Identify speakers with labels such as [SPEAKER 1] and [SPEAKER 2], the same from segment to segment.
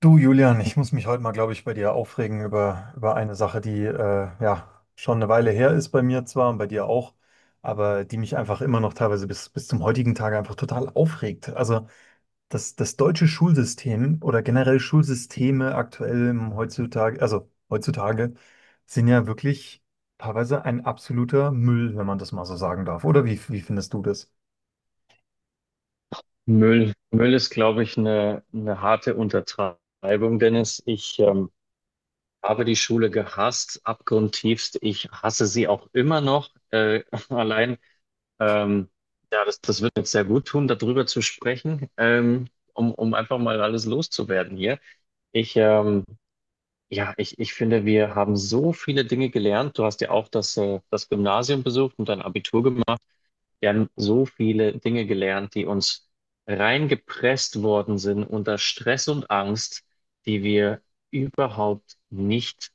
[SPEAKER 1] Du, Julian, ich muss mich heute mal, glaube ich, bei dir aufregen über eine Sache, die ja schon eine Weile her ist bei mir zwar und bei dir auch, aber die mich einfach immer noch teilweise bis zum heutigen Tage einfach total aufregt. Also das deutsche Schulsystem oder generell Schulsysteme aktuell im heutzutage, also heutzutage, sind ja wirklich teilweise ein absoluter Müll, wenn man das mal so sagen darf. Oder wie findest du das?
[SPEAKER 2] Müll, Müll ist, glaube ich, eine harte Untertreibung, Dennis. Ich habe die Schule gehasst, abgrundtiefst. Ich hasse sie auch immer noch. Allein, ähm, ja, das wird jetzt sehr gut tun, darüber zu sprechen, um einfach mal alles loszuwerden hier. Ich, ähm, ja, ich finde, wir haben so viele Dinge gelernt. Du hast ja auch das Gymnasium besucht und dein Abitur gemacht. Wir haben so viele Dinge gelernt, die uns reingepresst worden sind unter Stress und Angst, die wir überhaupt nicht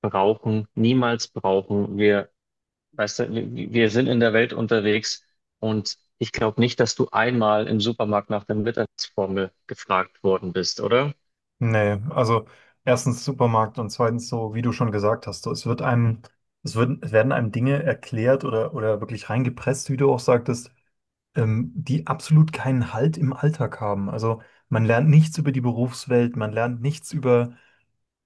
[SPEAKER 2] brauchen, niemals brauchen. Wir, weißt du, wir sind in der Welt unterwegs und ich glaube nicht, dass du einmal im Supermarkt nach der Mittagsformel gefragt worden bist, oder?
[SPEAKER 1] Nee, also erstens Supermarkt und zweitens so, wie du schon gesagt hast, so, es wird, es werden einem Dinge erklärt oder wirklich reingepresst, wie du auch sagtest, die absolut keinen Halt im Alltag haben. Also man lernt nichts über die Berufswelt, man lernt nichts über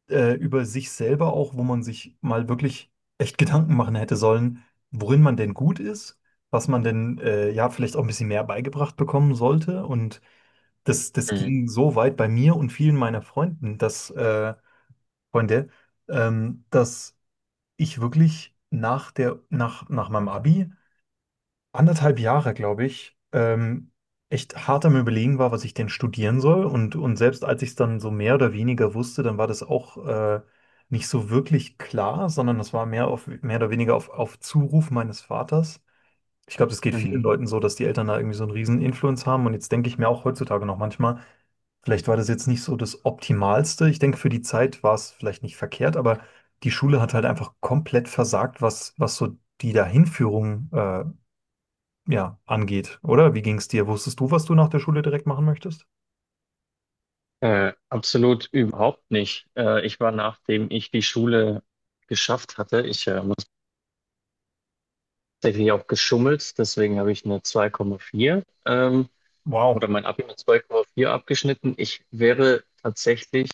[SPEAKER 1] äh, über sich selber auch, wo man sich mal wirklich echt Gedanken machen hätte sollen, worin man denn gut ist, was man denn ja vielleicht auch ein bisschen mehr beigebracht bekommen sollte. Und das
[SPEAKER 2] Mhm.
[SPEAKER 1] ging so weit bei mir und vielen meiner Freunden, Freunde, dass ich wirklich nach meinem Abi anderthalb Jahre, glaube ich, echt hart am Überlegen war, was ich denn studieren soll. Und selbst als ich es dann so mehr oder weniger wusste, dann war das auch nicht so wirklich klar, sondern das war mehr oder weniger auf Zuruf meines Vaters. Ich glaube, das geht vielen
[SPEAKER 2] Mhm.
[SPEAKER 1] Leuten so, dass die Eltern da irgendwie so einen riesen Influence haben. Und jetzt denke ich mir auch heutzutage noch manchmal, vielleicht war das jetzt nicht so das Optimalste. Ich denke, für die Zeit war es vielleicht nicht verkehrt, aber die Schule hat halt einfach komplett versagt, was so die Dahinführung ja, angeht, oder? Wie ging es dir? Wusstest du, was du nach der Schule direkt machen möchtest?
[SPEAKER 2] Absolut überhaupt nicht. Ich war, nachdem ich die Schule geschafft hatte, ich muss tatsächlich auch geschummelt, deswegen habe ich eine 2,4 oder
[SPEAKER 1] Wow,
[SPEAKER 2] mein Abi mit 2,4 abgeschnitten. Ich wäre tatsächlich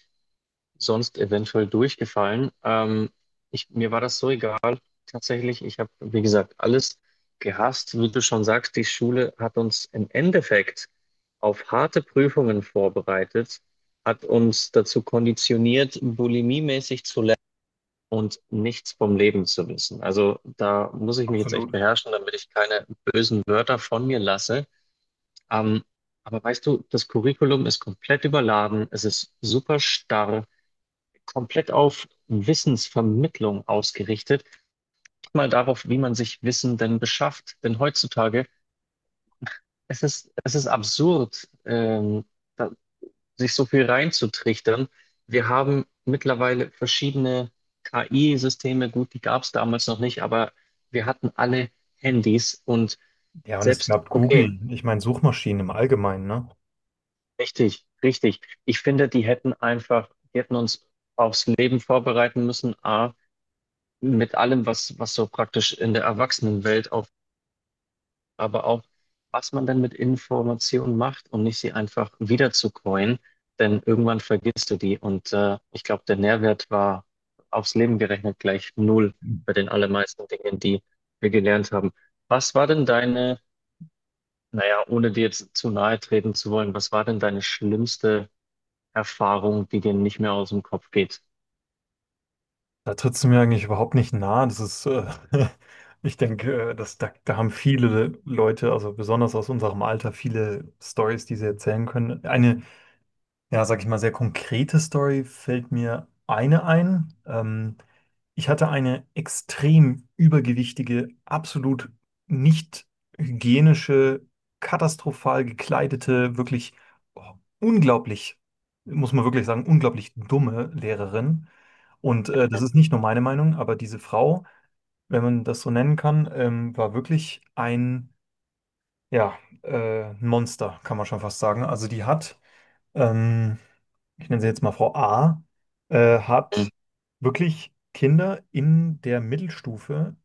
[SPEAKER 2] sonst eventuell durchgefallen. Ich, mir war das so egal, tatsächlich. Ich habe, wie gesagt, alles gehasst. Wie du schon sagst, die Schule hat uns im Endeffekt auf harte Prüfungen vorbereitet, hat uns dazu konditioniert, bulimiemäßig zu und nichts vom Leben zu wissen. Also da muss ich mich jetzt
[SPEAKER 1] absolut.
[SPEAKER 2] echt beherrschen, damit ich keine bösen Wörter von mir lasse. Ähm, aber weißt du, das Curriculum ist komplett überladen, es ist super starr, komplett auf Wissensvermittlung ausgerichtet. Nicht mal darauf, wie man sich Wissen denn beschafft. Denn heutzutage, es ist absurd, da, sich so viel reinzutrichtern. Wir haben mittlerweile verschiedene KI-Systeme, gut, die gab es damals noch nicht, aber wir hatten alle Handys und
[SPEAKER 1] Ja, und es
[SPEAKER 2] selbst,
[SPEAKER 1] gab
[SPEAKER 2] okay,
[SPEAKER 1] Google. Ich meine, Suchmaschinen im Allgemeinen, ne?
[SPEAKER 2] richtig, richtig. Ich finde, die hätten uns aufs Leben vorbereiten müssen, A, mit allem, was, was so praktisch in der Erwachsenenwelt auf aber auch, was man dann mit Informationen macht, um nicht sie einfach wieder zu coin, denn irgendwann vergisst du die und ich glaube, der Nährwert war aufs Leben gerechnet gleich null bei den allermeisten Dingen, die wir gelernt haben. Was war denn deine, naja, ohne dir jetzt zu nahe treten zu wollen, was war denn deine schlimmste Erfahrung, die dir nicht mehr aus dem Kopf geht?
[SPEAKER 1] Da trittst du mir eigentlich überhaupt nicht nahe. Ich denke, da haben viele Leute, also besonders aus unserem Alter, viele Stories, die sie erzählen können. Eine Ja, sag ich mal, sehr konkrete Story fällt mir eine ein. Ich hatte eine extrem übergewichtige, absolut nicht hygienische, katastrophal gekleidete, wirklich unglaublich, muss man wirklich sagen, unglaublich dumme Lehrerin. Und das ist nicht nur meine Meinung, aber diese Frau, wenn man das so nennen kann, war wirklich ja, ein Monster, kann man schon fast sagen. Also die hat ähm, ich nenne sie jetzt mal Frau A,
[SPEAKER 2] Mhm.
[SPEAKER 1] hat wirklich Kinder in der Mittelstufe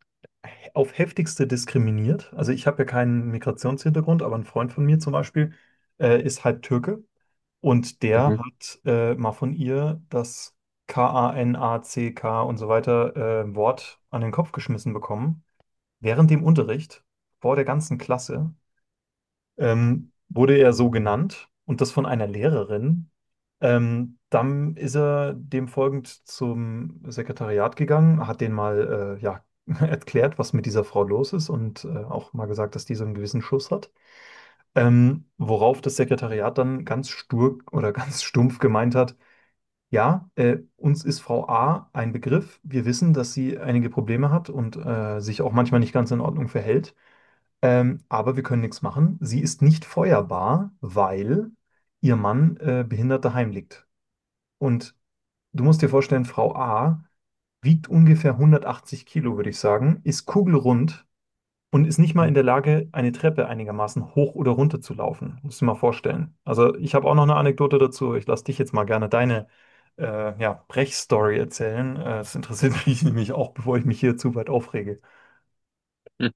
[SPEAKER 1] auf heftigste diskriminiert. Also ich habe ja keinen Migrationshintergrund, aber ein Freund von mir zum Beispiel ist halb Türke und der
[SPEAKER 2] Mhm.
[SPEAKER 1] hat mal von ihr das Kanack und so weiter Wort an den Kopf geschmissen bekommen. Während dem Unterricht, vor der ganzen Klasse, wurde er so genannt und das von einer Lehrerin. Dann ist er dem folgend zum Sekretariat gegangen, hat denen mal ja, erklärt, was mit dieser Frau los ist und auch mal gesagt, dass die so einen gewissen Schuss hat. Worauf das Sekretariat dann ganz stur oder ganz stumpf gemeint hat, ja, uns ist Frau A ein Begriff. Wir wissen, dass sie einige Probleme hat und sich auch manchmal nicht ganz in Ordnung verhält. Aber wir können nichts machen. Sie ist nicht feuerbar, weil ihr Mann behindert daheim liegt. Und du musst dir vorstellen, Frau A wiegt ungefähr 180 Kilo, würde ich sagen, ist kugelrund und ist nicht mal in der Lage, eine Treppe einigermaßen hoch oder runter zu laufen. Musst du dir mal vorstellen. Also ich habe auch noch eine Anekdote dazu. Ich lasse dich jetzt mal gerne deine ja, Brechstory erzählen. Das interessiert mich nämlich auch, bevor ich mich hier zu weit aufrege.
[SPEAKER 2] Mhm.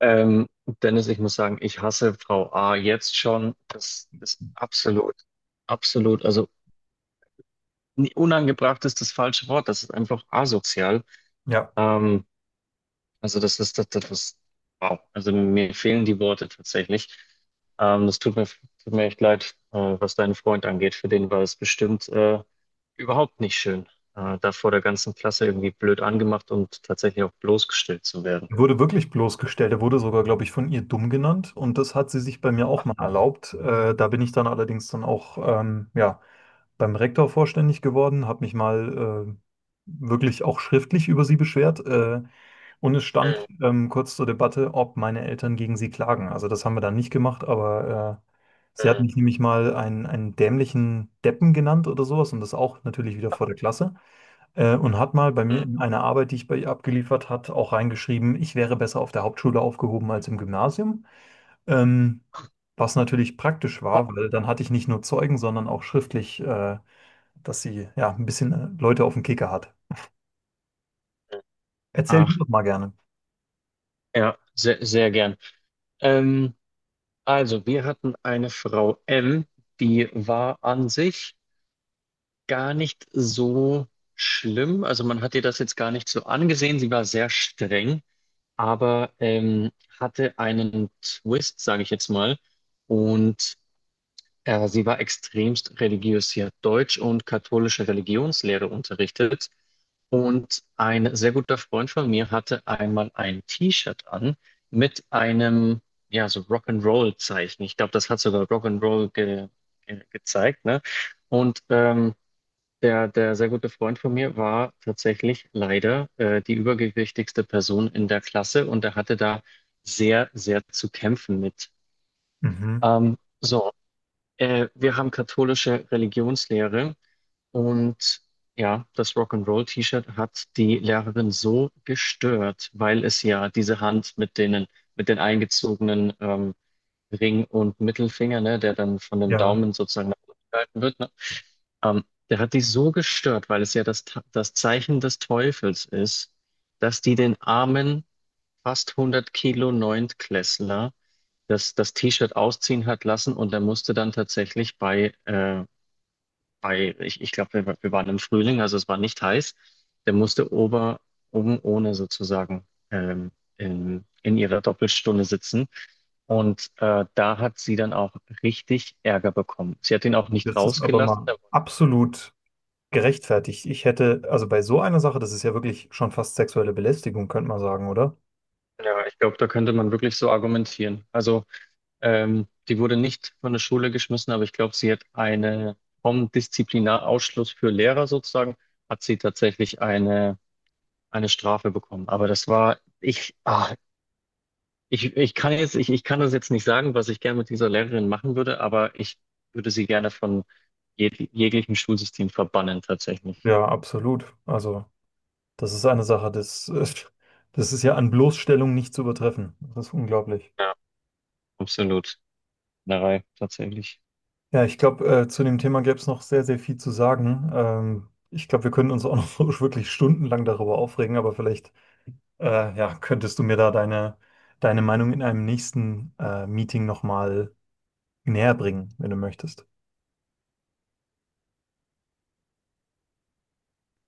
[SPEAKER 2] Ähm, Dennis, ich muss sagen, ich hasse Frau A jetzt schon. Das ist absolut, absolut. Also nee, unangebracht ist das falsche Wort. Das ist einfach asozial.
[SPEAKER 1] Ja,
[SPEAKER 2] Ähm, also das ist wow. Also mir fehlen die Worte tatsächlich. Das tut mir echt leid, was deinen Freund angeht. Für den war es bestimmt überhaupt nicht schön, da vor der ganzen Klasse irgendwie blöd angemacht und tatsächlich auch bloßgestellt zu werden.
[SPEAKER 1] er wurde wirklich bloßgestellt. Er wurde sogar, glaube ich, von ihr dumm genannt und das hat sie sich bei mir auch mal erlaubt. Da bin ich dann allerdings dann auch ja, beim Rektor vorständig geworden, habe mich mal wirklich auch schriftlich über sie beschwert. Und es stand
[SPEAKER 2] Mhm,
[SPEAKER 1] kurz zur Debatte, ob meine Eltern gegen sie klagen. Also das haben wir dann nicht gemacht, aber sie hat
[SPEAKER 2] mhm,
[SPEAKER 1] mich nämlich mal einen dämlichen Deppen genannt oder sowas und das auch natürlich wieder vor der Klasse. Und hat mal bei mir
[SPEAKER 2] mhm,
[SPEAKER 1] in einer Arbeit, die ich bei ihr abgeliefert hat, auch reingeschrieben, ich wäre besser auf der Hauptschule aufgehoben als im Gymnasium. Ähm, Was natürlich praktisch war, weil dann hatte ich nicht nur Zeugen, sondern auch schriftlich, dass sie ja ein bisschen Leute auf den Kicker hat.
[SPEAKER 2] mhm.
[SPEAKER 1] Erzähl du
[SPEAKER 2] Ach,
[SPEAKER 1] doch mal gerne.
[SPEAKER 2] ja, sehr, sehr gern. Ähm, also, wir hatten eine Frau M, die war an sich gar nicht so schlimm. Also man hat ihr das jetzt gar nicht so angesehen. Sie war sehr streng, aber hatte einen Twist, sage ich jetzt mal. Und sie war extremst religiös. Sie hat Deutsch und katholische Religionslehre unterrichtet. Und ein sehr guter Freund von mir hatte einmal ein T-Shirt an mit einem, ja, so Rock'n'Roll-Zeichen. Ich glaube, das hat sogar Rock'n'Roll ge ge gezeigt, ne? Und der sehr gute Freund von mir war tatsächlich leider die übergewichtigste Person in der Klasse und er hatte da sehr, sehr zu kämpfen mit.
[SPEAKER 1] Mhm.
[SPEAKER 2] Ähm, so, wir haben katholische Religionslehre und ja, das Rock'n'Roll-T-Shirt hat die Lehrerin so gestört, weil es ja diese Hand mit denen, mit den eingezogenen Ring und Mittelfinger, ne, der dann von dem
[SPEAKER 1] Ja,
[SPEAKER 2] Daumen sozusagen nach unten gehalten wird, ne, ähm, der hat die so gestört, weil es ja das Zeichen des Teufels ist, dass die den armen, fast 100 Kilo Neuntklässler das T-Shirt ausziehen hat lassen und er musste dann tatsächlich bei ich glaube, wir waren im Frühling, also es war nicht heiß. Der musste ober, oben ohne sozusagen in ihrer Doppelstunde sitzen. Und da hat sie dann auch richtig Ärger bekommen. Sie hat ihn auch nicht
[SPEAKER 1] das ist aber
[SPEAKER 2] rausgelassen.
[SPEAKER 1] mal
[SPEAKER 2] Da,
[SPEAKER 1] absolut gerechtfertigt. Ich hätte, also bei so einer Sache, das ist ja wirklich schon fast sexuelle Belästigung, könnte man sagen, oder?
[SPEAKER 2] ja, ich glaube, da könnte man wirklich so argumentieren. Also, die wurde nicht von der Schule geschmissen, aber ich glaube, sie hat eine vom Disziplinarausschluss für Lehrer sozusagen, hat sie tatsächlich eine Strafe bekommen. Aber das war, ich, ich kann jetzt, ich kann das jetzt nicht sagen, was ich gerne mit dieser Lehrerin machen würde, aber ich würde sie gerne von jeglichem Schulsystem verbannen, tatsächlich.
[SPEAKER 1] Ja, absolut. Also, das ist eine Sache, das ist ja an Bloßstellung nicht zu übertreffen. Das ist unglaublich.
[SPEAKER 2] Ja, absolut. Narei, tatsächlich.
[SPEAKER 1] Ja, ich glaube, zu dem Thema gäbe es noch sehr, sehr viel zu sagen. Ich glaube, wir können uns auch noch wirklich stundenlang darüber aufregen, aber vielleicht ja, könntest du mir da deine Meinung in einem nächsten Meeting nochmal näher bringen, wenn du möchtest?